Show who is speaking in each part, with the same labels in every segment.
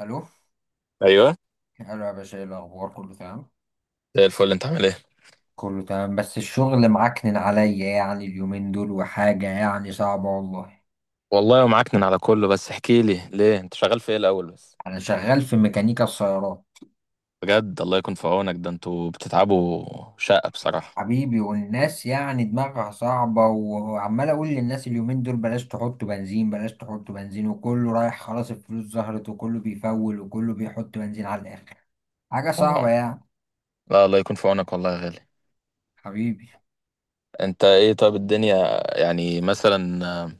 Speaker 1: الو،
Speaker 2: ايوه.
Speaker 1: الو يا باشا، ايه الاخبار؟ كله تمام؟
Speaker 2: زي الفل، انت عامل ايه؟
Speaker 1: كله تمام، بس الشغل معكنن عليا يعني اليومين دول، وحاجه يعني صعبه والله.
Speaker 2: والله ومعكنن على كله، بس احكي لي ليه انت شغال في ايه الاول بس؟
Speaker 1: انا شغال في ميكانيكا السيارات.
Speaker 2: بجد، الله يكون في عونك، ده انتوا بتتعبوا. شقة بصراحة.
Speaker 1: حبيبي، والناس يعني دماغها صعبة، وعمال أقول للناس اليومين دول: بلاش تحطوا بنزين، بلاش تحطوا بنزين، وكله رايح خلاص. الفلوس ظهرت، وكله بيفول، وكله بيحط بنزين على الآخر. حاجة صعبة
Speaker 2: طبعا.
Speaker 1: يعني.
Speaker 2: لا، الله يكون في عونك والله يا غالي.
Speaker 1: حبيبي.
Speaker 2: انت ايه طيب الدنيا؟ يعني مثلا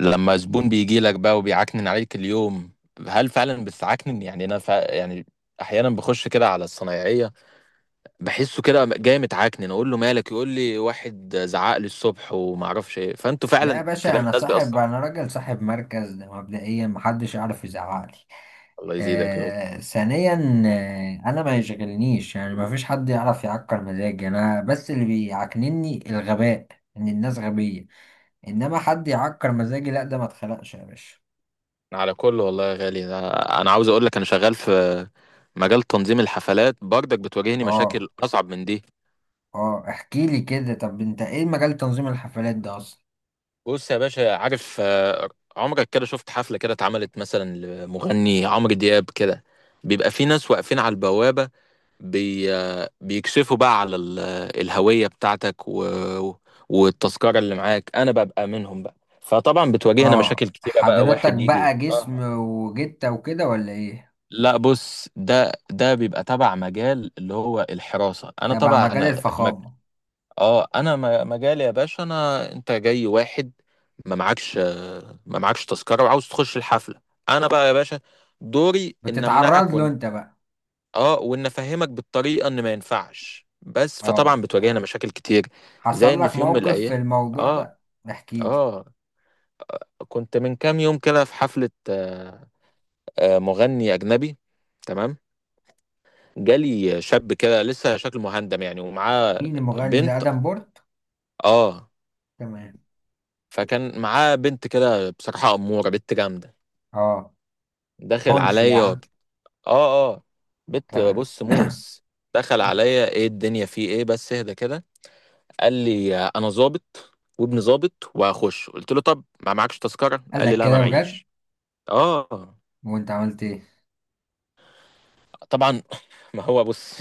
Speaker 2: لما زبون بيجي لك بقى وبيعكنن عليك اليوم، هل فعلا بتعكنن؟ يعني انا يعني احيانا بخش كده على الصنايعيه، بحسه كده جاي متعكنن، اقول له مالك، يقول لي واحد زعق لي الصبح وما اعرفش ايه. فانتوا
Speaker 1: لا
Speaker 2: فعلا
Speaker 1: يا باشا،
Speaker 2: كلام الناس بيأثر.
Speaker 1: أنا راجل صاحب مركز، ده مبدئيا محدش يعرف يزعقلي.
Speaker 2: الله يزيدك.
Speaker 1: آه، ثانيا، انا ما يشغلنيش، يعني ما فيش حد يعرف يعكر مزاجي، انا بس اللي بيعكنني الغباء، ان الناس غبية. انما حد يعكر مزاجي لا، ده ما اتخلقش يا باشا.
Speaker 2: على كل والله يا غالي، انا عاوز اقول لك، انا شغال في مجال تنظيم الحفلات. برضك بتواجهني
Speaker 1: اه،
Speaker 2: مشاكل اصعب من دي.
Speaker 1: اه، احكي لي كده، طب انت ايه مجال تنظيم الحفلات ده اصلا؟
Speaker 2: بص يا باشا، عارف عمرك كده شفت حفلة كده اتعملت مثلا لمغني عمرو دياب كده؟ بيبقى في ناس واقفين على البوابة، بي آه، بيكشفوا بقى على الهوية بتاعتك والتذكرة اللي معاك. انا ببقى منهم بقى. فطبعا بتواجهنا
Speaker 1: اه،
Speaker 2: مشاكل كتيرة بقى،
Speaker 1: حضرتك
Speaker 2: واحد يجي.
Speaker 1: بقى
Speaker 2: اه
Speaker 1: جسم وجتة وكده ولا ايه؟
Speaker 2: لا، بص، ده بيبقى تبع مجال اللي هو الحراسة. انا
Speaker 1: تبع
Speaker 2: طبعا
Speaker 1: مجال
Speaker 2: مج...
Speaker 1: الفخامة؟
Speaker 2: اه انا مجالي يا باشا. انا انت جاي واحد، ما معكش ما معكش تذكرة وعاوز تخش الحفلة. انا بقى يا باشا دوري ان
Speaker 1: بتتعرض
Speaker 2: امنعك
Speaker 1: له
Speaker 2: وان
Speaker 1: انت بقى؟
Speaker 2: اه وان افهمك بالطريقة ان ما ينفعش، بس فطبعا
Speaker 1: اه،
Speaker 2: بتواجهنا مشاكل كتير، زي
Speaker 1: حصل
Speaker 2: ان
Speaker 1: لك
Speaker 2: في يوم من
Speaker 1: موقف في
Speaker 2: الايام.
Speaker 1: الموضوع
Speaker 2: اه
Speaker 1: ده؟ احكي لي.
Speaker 2: اه كنت من كام يوم كده في حفلة، مغني اجنبي. تمام. جالي شاب كده لسه شكله مهندم يعني ومعاه
Speaker 1: مين المغني ده،
Speaker 2: بنت.
Speaker 1: ادم بورت؟
Speaker 2: اه.
Speaker 1: تمام.
Speaker 2: فكان معاه بنت كده، بصراحة أمورة، بنت جامدة،
Speaker 1: اه،
Speaker 2: داخل
Speaker 1: حنش
Speaker 2: عليا
Speaker 1: يعني؟
Speaker 2: اه اه بنت
Speaker 1: تمام.
Speaker 2: بص موس. دخل
Speaker 1: مم.
Speaker 2: عليا، ايه الدنيا، في ايه، بس اهدى كده. قال لي انا ظابط وابن ظابط وهخش. قلت له طب ما معكش تذكرة؟
Speaker 1: قال
Speaker 2: قال لي
Speaker 1: لك
Speaker 2: لا، ما
Speaker 1: كده بجد؟
Speaker 2: معيش. اه
Speaker 1: وانت عملت ايه؟
Speaker 2: طبعا ما هو بص،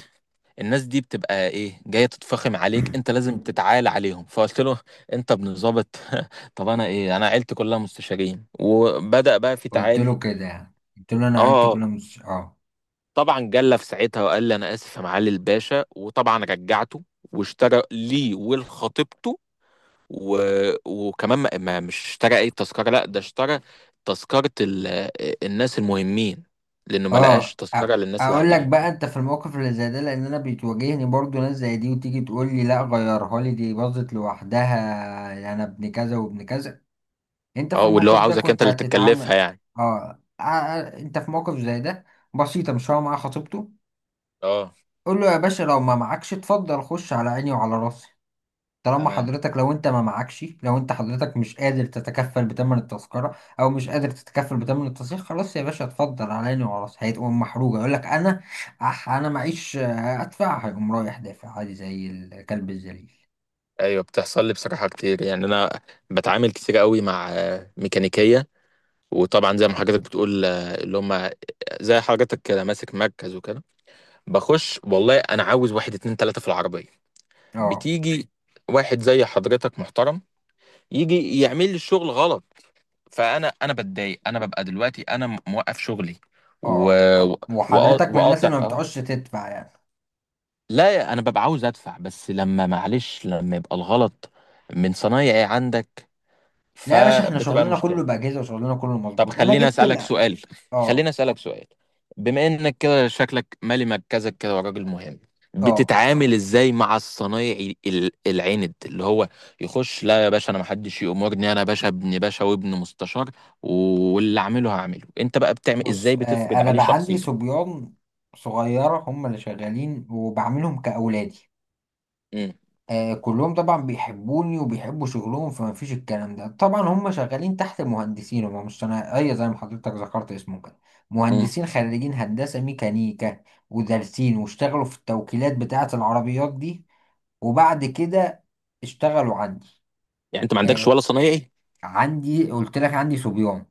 Speaker 2: الناس دي بتبقى ايه جايه تتفخم عليك، انت لازم تتعالى عليهم. فقلت له انت ابن ظابط؟ طب انا ايه، انا عيلتي كلها مستشارين، وبدأ بقى في
Speaker 1: قلت له
Speaker 2: تعالي.
Speaker 1: كده يعني، قلت له انا
Speaker 2: اه
Speaker 1: عيلتي
Speaker 2: آه.
Speaker 1: كلها مش اه
Speaker 2: طبعا جلى في ساعتها وقال لي انا اسف يا معالي الباشا، وطبعا رجعته واشترى لي ولخطيبته و... وكمان، ما... ما مش اشترى اي تذكره، لا ده اشترى تذكره الناس المهمين، لانه ما لقاش
Speaker 1: اه،
Speaker 2: تذكره للناس
Speaker 1: اقول لك
Speaker 2: العاديين.
Speaker 1: بقى، انت في الموقف اللي زي ده، لان انا بتواجهني برضو ناس زي دي، وتيجي تقول لي: لا، غيرها لي، دي باظت لوحدها، انا ابن كذا وابن كذا. انت في
Speaker 2: اه واللي هو
Speaker 1: الموقف ده
Speaker 2: عاوزك انت
Speaker 1: كنت
Speaker 2: اللي تتكلفها
Speaker 1: هتتعامل؟
Speaker 2: يعني.
Speaker 1: اه، انت في موقف زي ده، بسيطة، مش هو معاه خطيبته؟
Speaker 2: اه
Speaker 1: قول له: يا باشا، لو ما معكش اتفضل، خش على عيني وعلى راسي. طالما
Speaker 2: تمام.
Speaker 1: حضرتك، لو انت ما معكش، لو انت حضرتك مش قادر تتكفل بتمن التذكرة، او مش قادر تتكفل بتمن التصريح، خلاص يا باشا، اتفضل علاني وراس، هيتقوم محروجة، يقول لك: انا انا معيش، ادفع، هيقوم رايح دافع عادي زي الكلب الذليل.
Speaker 2: ايوه، بتحصل لي بصراحه كتير، يعني انا بتعامل كتير قوي مع ميكانيكيه، وطبعا زي ما حضرتك بتقول اللي هم زي حضرتك كده ماسك مركز وكده. بخش والله انا عاوز واحد اتنين تلاته في العربيه،
Speaker 1: اه،
Speaker 2: بتيجي واحد زي حضرتك محترم يجي يعمل لي الشغل غلط. فانا بتضايق، انا ببقى دلوقتي انا موقف شغلي و...
Speaker 1: اه،
Speaker 2: و...
Speaker 1: وحضرتك من الناس
Speaker 2: وقاطع.
Speaker 1: اللي ما
Speaker 2: اه
Speaker 1: بتعوزش تدفع يعني؟
Speaker 2: لا، انا ببقى عاوز ادفع، بس لما معلش، لما يبقى الغلط من صنايعي عندك
Speaker 1: لا يا باشا، احنا
Speaker 2: فبتبقى
Speaker 1: شغلنا كله
Speaker 2: المشكله.
Speaker 1: بأجهزة، وشغلنا كله
Speaker 2: طب
Speaker 1: مظبوط، انا
Speaker 2: خليني
Speaker 1: جبت
Speaker 2: اسالك
Speaker 1: لا.
Speaker 2: سؤال، خليني
Speaker 1: اه،
Speaker 2: اسالك سؤال: بما انك كده شكلك مالي مركزك كده وراجل مهم،
Speaker 1: اه،
Speaker 2: بتتعامل ازاي مع الصنايعي العند اللي هو يخش لا يا باشا انا محدش يأمرني، انا باشا ابن باشا وابن مستشار، واللي اعمله هعمله؟ انت بقى بتعمل ازاي؟
Speaker 1: بص،
Speaker 2: بتفرض
Speaker 1: انا
Speaker 2: عليه
Speaker 1: بقى عندي
Speaker 2: شخصيتك؟
Speaker 1: صبيان صغيرة هم اللي شغالين، وبعملهم كأولادي.
Speaker 2: امم.
Speaker 1: كلهم طبعا بيحبوني وبيحبوا شغلهم، فما فيش الكلام ده. طبعا هم شغالين تحت مهندسين، هم مش صنايعية زي ما حضرتك ذكرت اسمه كده.
Speaker 2: امم.
Speaker 1: مهندسين خريجين هندسة ميكانيكا، ودارسين، واشتغلوا في التوكيلات بتاعة العربيات دي، وبعد كده اشتغلوا عندي.
Speaker 2: يعني انت ما عندكش
Speaker 1: آه،
Speaker 2: ولا صنايعي؟
Speaker 1: عندي قلت لك عندي صبيان،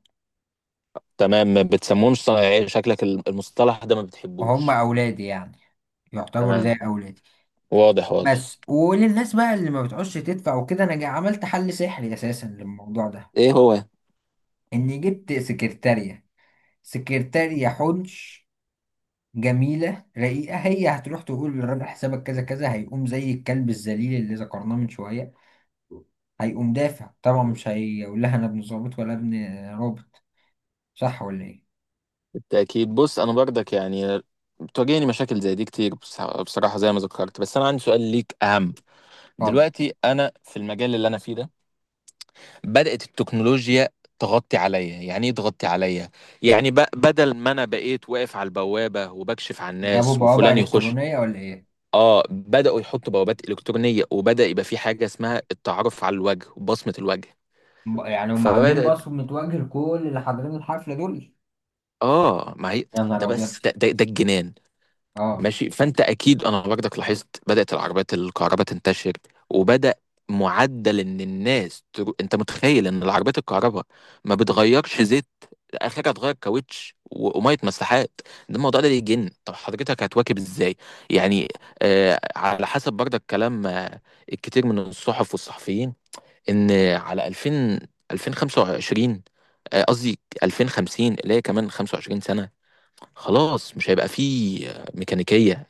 Speaker 2: تمام، ما بتسموهمش صنايعي، شكلك المصطلح ده ما
Speaker 1: هم
Speaker 2: بتحبوش.
Speaker 1: أولادي يعني، يعتبروا زي
Speaker 2: تمام.
Speaker 1: أولادي.
Speaker 2: واضح واضح.
Speaker 1: بس، وللناس بقى اللي ما بتعوزش تدفع وكده، أنا عملت حل سحري أساسا للموضوع ده:
Speaker 2: ايه هو؟
Speaker 1: إني جبت سكرتارية، سكرتارية حنش جميلة رقيقة، هي هتروح تقول للراجل حسابك كذا كذا، هيقوم زي الكلب الذليل اللي ذكرناه من شوية، هيقوم دافع. طبعا مش هيقول لها انا ابن ظابط ولا ابن رابط. صح ولا ايه؟
Speaker 2: بالتأكيد. بص أنا برضك يعني بتواجهني مشاكل زي دي كتير. بصراحة زي ما ذكرت، بس أنا عندي سؤال ليك أهم:
Speaker 1: اتفضل.
Speaker 2: دلوقتي أنا في المجال اللي أنا فيه ده بدأت التكنولوجيا تغطي عليا. يعني إيه تغطي عليا؟ يعني بدل ما أنا بقيت واقف على البوابة وبكشف على
Speaker 1: جابوا
Speaker 2: الناس
Speaker 1: بوابة
Speaker 2: وفلان يخش،
Speaker 1: إلكترونية ولا ايه؟
Speaker 2: بدأوا يحطوا بوابات إلكترونية، وبدأ يبقى في حاجة اسمها التعرف على الوجه وبصمة الوجه.
Speaker 1: يعني هم عاملين
Speaker 2: فبدأت.
Speaker 1: باص متوجه لكل اللي حاضرين الحفلة دول؟
Speaker 2: ما هي،
Speaker 1: يا
Speaker 2: ده
Speaker 1: نهار أبيض.
Speaker 2: بس ده الجنان.
Speaker 1: اه،
Speaker 2: ماشي. فانت اكيد انا برضك لاحظت بدات العربيات الكهرباء تنتشر، وبدا معدل ان الناس انت متخيل ان العربيات الكهرباء ما بتغيرش زيت؟ اخرها تغير كاوتش وميه مساحات. ده الموضوع ده يجن. طب حضرتك هتواكب ازاي يعني؟ على حسب برضك كلام الكتير من الصحف والصحفيين ان على 2000، 2025، قصدي 2050، اللي هي كمان 25 سنة، خلاص مش هيبقى فيه ميكانيكية،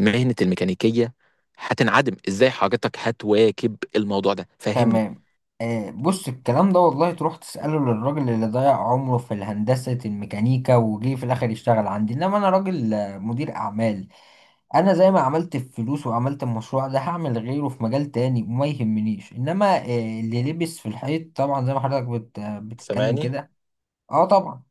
Speaker 2: مهنة الميكانيكية هتنعدم. ازاي حضرتك هتواكب الموضوع ده؟ فهمني.
Speaker 1: تمام. بص، الكلام ده والله تروح تسأله للراجل اللي ضيع عمره في الهندسة الميكانيكا، وجه في الآخر يشتغل عندي. إنما أنا راجل، مدير أعمال. أنا زي ما عملت الفلوس وعملت المشروع ده، هعمل غيره في مجال تاني، وما يهمنيش. إنما اللي لبس في الحيط طبعا، زي ما حضرتك بت... آه، بتتكلم
Speaker 2: سامعني؟
Speaker 1: كده. أه، طبعا.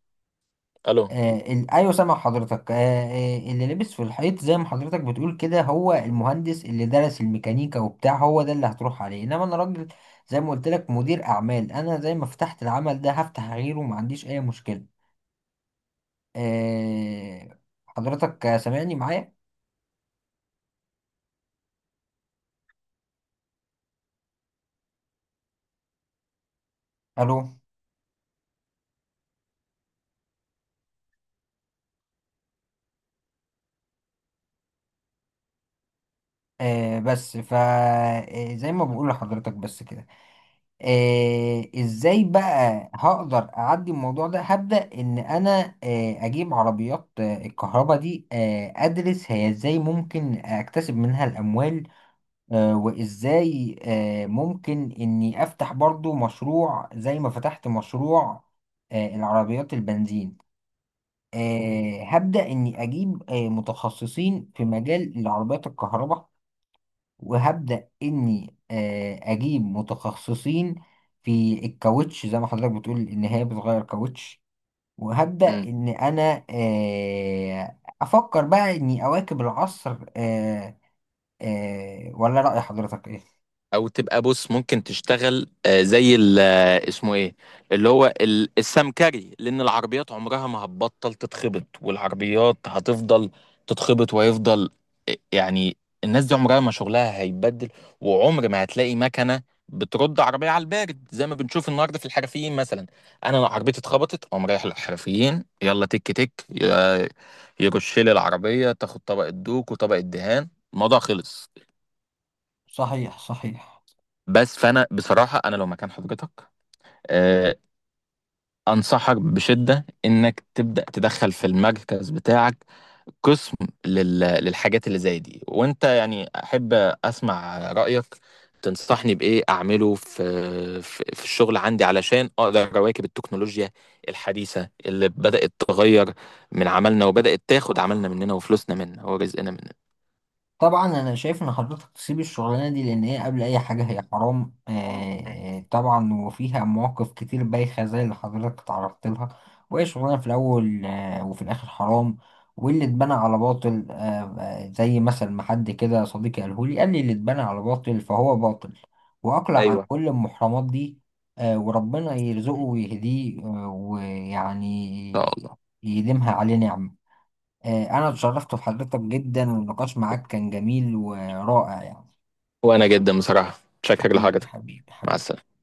Speaker 2: الو.
Speaker 1: ايوه، سامع حضرتك. اللي لبس في الحيط زي ما حضرتك بتقول كده، هو المهندس اللي درس الميكانيكا وبتاع، هو ده اللي هتروح عليه. انما انا راجل، زي ما قلت لك، مدير اعمال. انا زي ما فتحت العمل ده هفتح غيره، ما عنديش اي مشكلة. آه حضرتك، سامعني معايا؟ الو. بس زي ما بقول لحضرتك بس كده. ازاي بقى هقدر اعدي الموضوع ده؟ هبدأ ان انا اجيب عربيات الكهرباء دي، ادرس هي ازاي ممكن اكتسب منها الاموال، وازاي ممكن اني افتح برضو مشروع زي ما فتحت مشروع العربيات البنزين. هبدأ اني اجيب متخصصين في مجال العربيات الكهرباء. وهبدأ إني أجيب متخصصين في الكاوتش زي ما حضرتك بتقول إن هي بتغير كاوتش. وهبدأ
Speaker 2: مم.
Speaker 1: إن أنا أفكر بقى إني أواكب العصر. ولا رأي حضرتك إيه؟
Speaker 2: او تبقى بص ممكن تشتغل زي اسمه ايه، اللي هو السمكري، لان العربيات عمرها ما هتبطل تتخبط، والعربيات هتفضل تتخبط ويفضل يعني الناس دي عمرها ما شغلها هيتبدل، وعمر ما هتلاقي مكنه بترد عربيه على البارد زي ما بنشوف النهارده في الحرفيين مثلا. انا لو عربيتي اتخبطت اقوم رايح للحرفيين، يلا تك تك يرش لي العربيه، تاخد طبق الدوك وطبق الدهان، الموضوع خلص.
Speaker 1: صحيح، صحيح.
Speaker 2: بس فانا بصراحه انا لو مكان حضرتك آه، انصحك بشده انك تبدا تدخل في المركز بتاعك قسم للحاجات اللي زي دي. وانت يعني احب اسمع رايك، تنصحني بايه اعمله في في الشغل عندي علشان اقدر اواكب التكنولوجيا الحديثه اللي بدات تغير من عملنا وبدات تاخد عملنا مننا وفلوسنا مننا ورزقنا مننا.
Speaker 1: طبعا انا شايف ان حضرتك تسيب الشغلانه دي، لان هي قبل اي حاجه هي حرام طبعا. وفيها مواقف كتير بايخه زي اللي حضرتك تعرضت لها، وهي شغلانه في الاول وفي الاخر حرام. واللي اتبنى على باطل، زي مثل ما حد كده صديقي قاله لي، قال لي: اللي اتبنى على باطل فهو باطل. واقلع عن
Speaker 2: ايوه،
Speaker 1: كل المحرمات دي. وربنا يرزقه
Speaker 2: ان
Speaker 1: ويهديه،
Speaker 2: شاء
Speaker 1: ويعني
Speaker 2: الله.
Speaker 1: يديمها عليه نعمه. أنا اتشرفت بحضرتك جدا، والنقاش معاك كان جميل ورائع يعني.
Speaker 2: وانا جدا بصراحه شكرا
Speaker 1: حبيبي،
Speaker 2: لحضرتك.
Speaker 1: حبيبي،
Speaker 2: مع
Speaker 1: حبيبي.
Speaker 2: السلامه.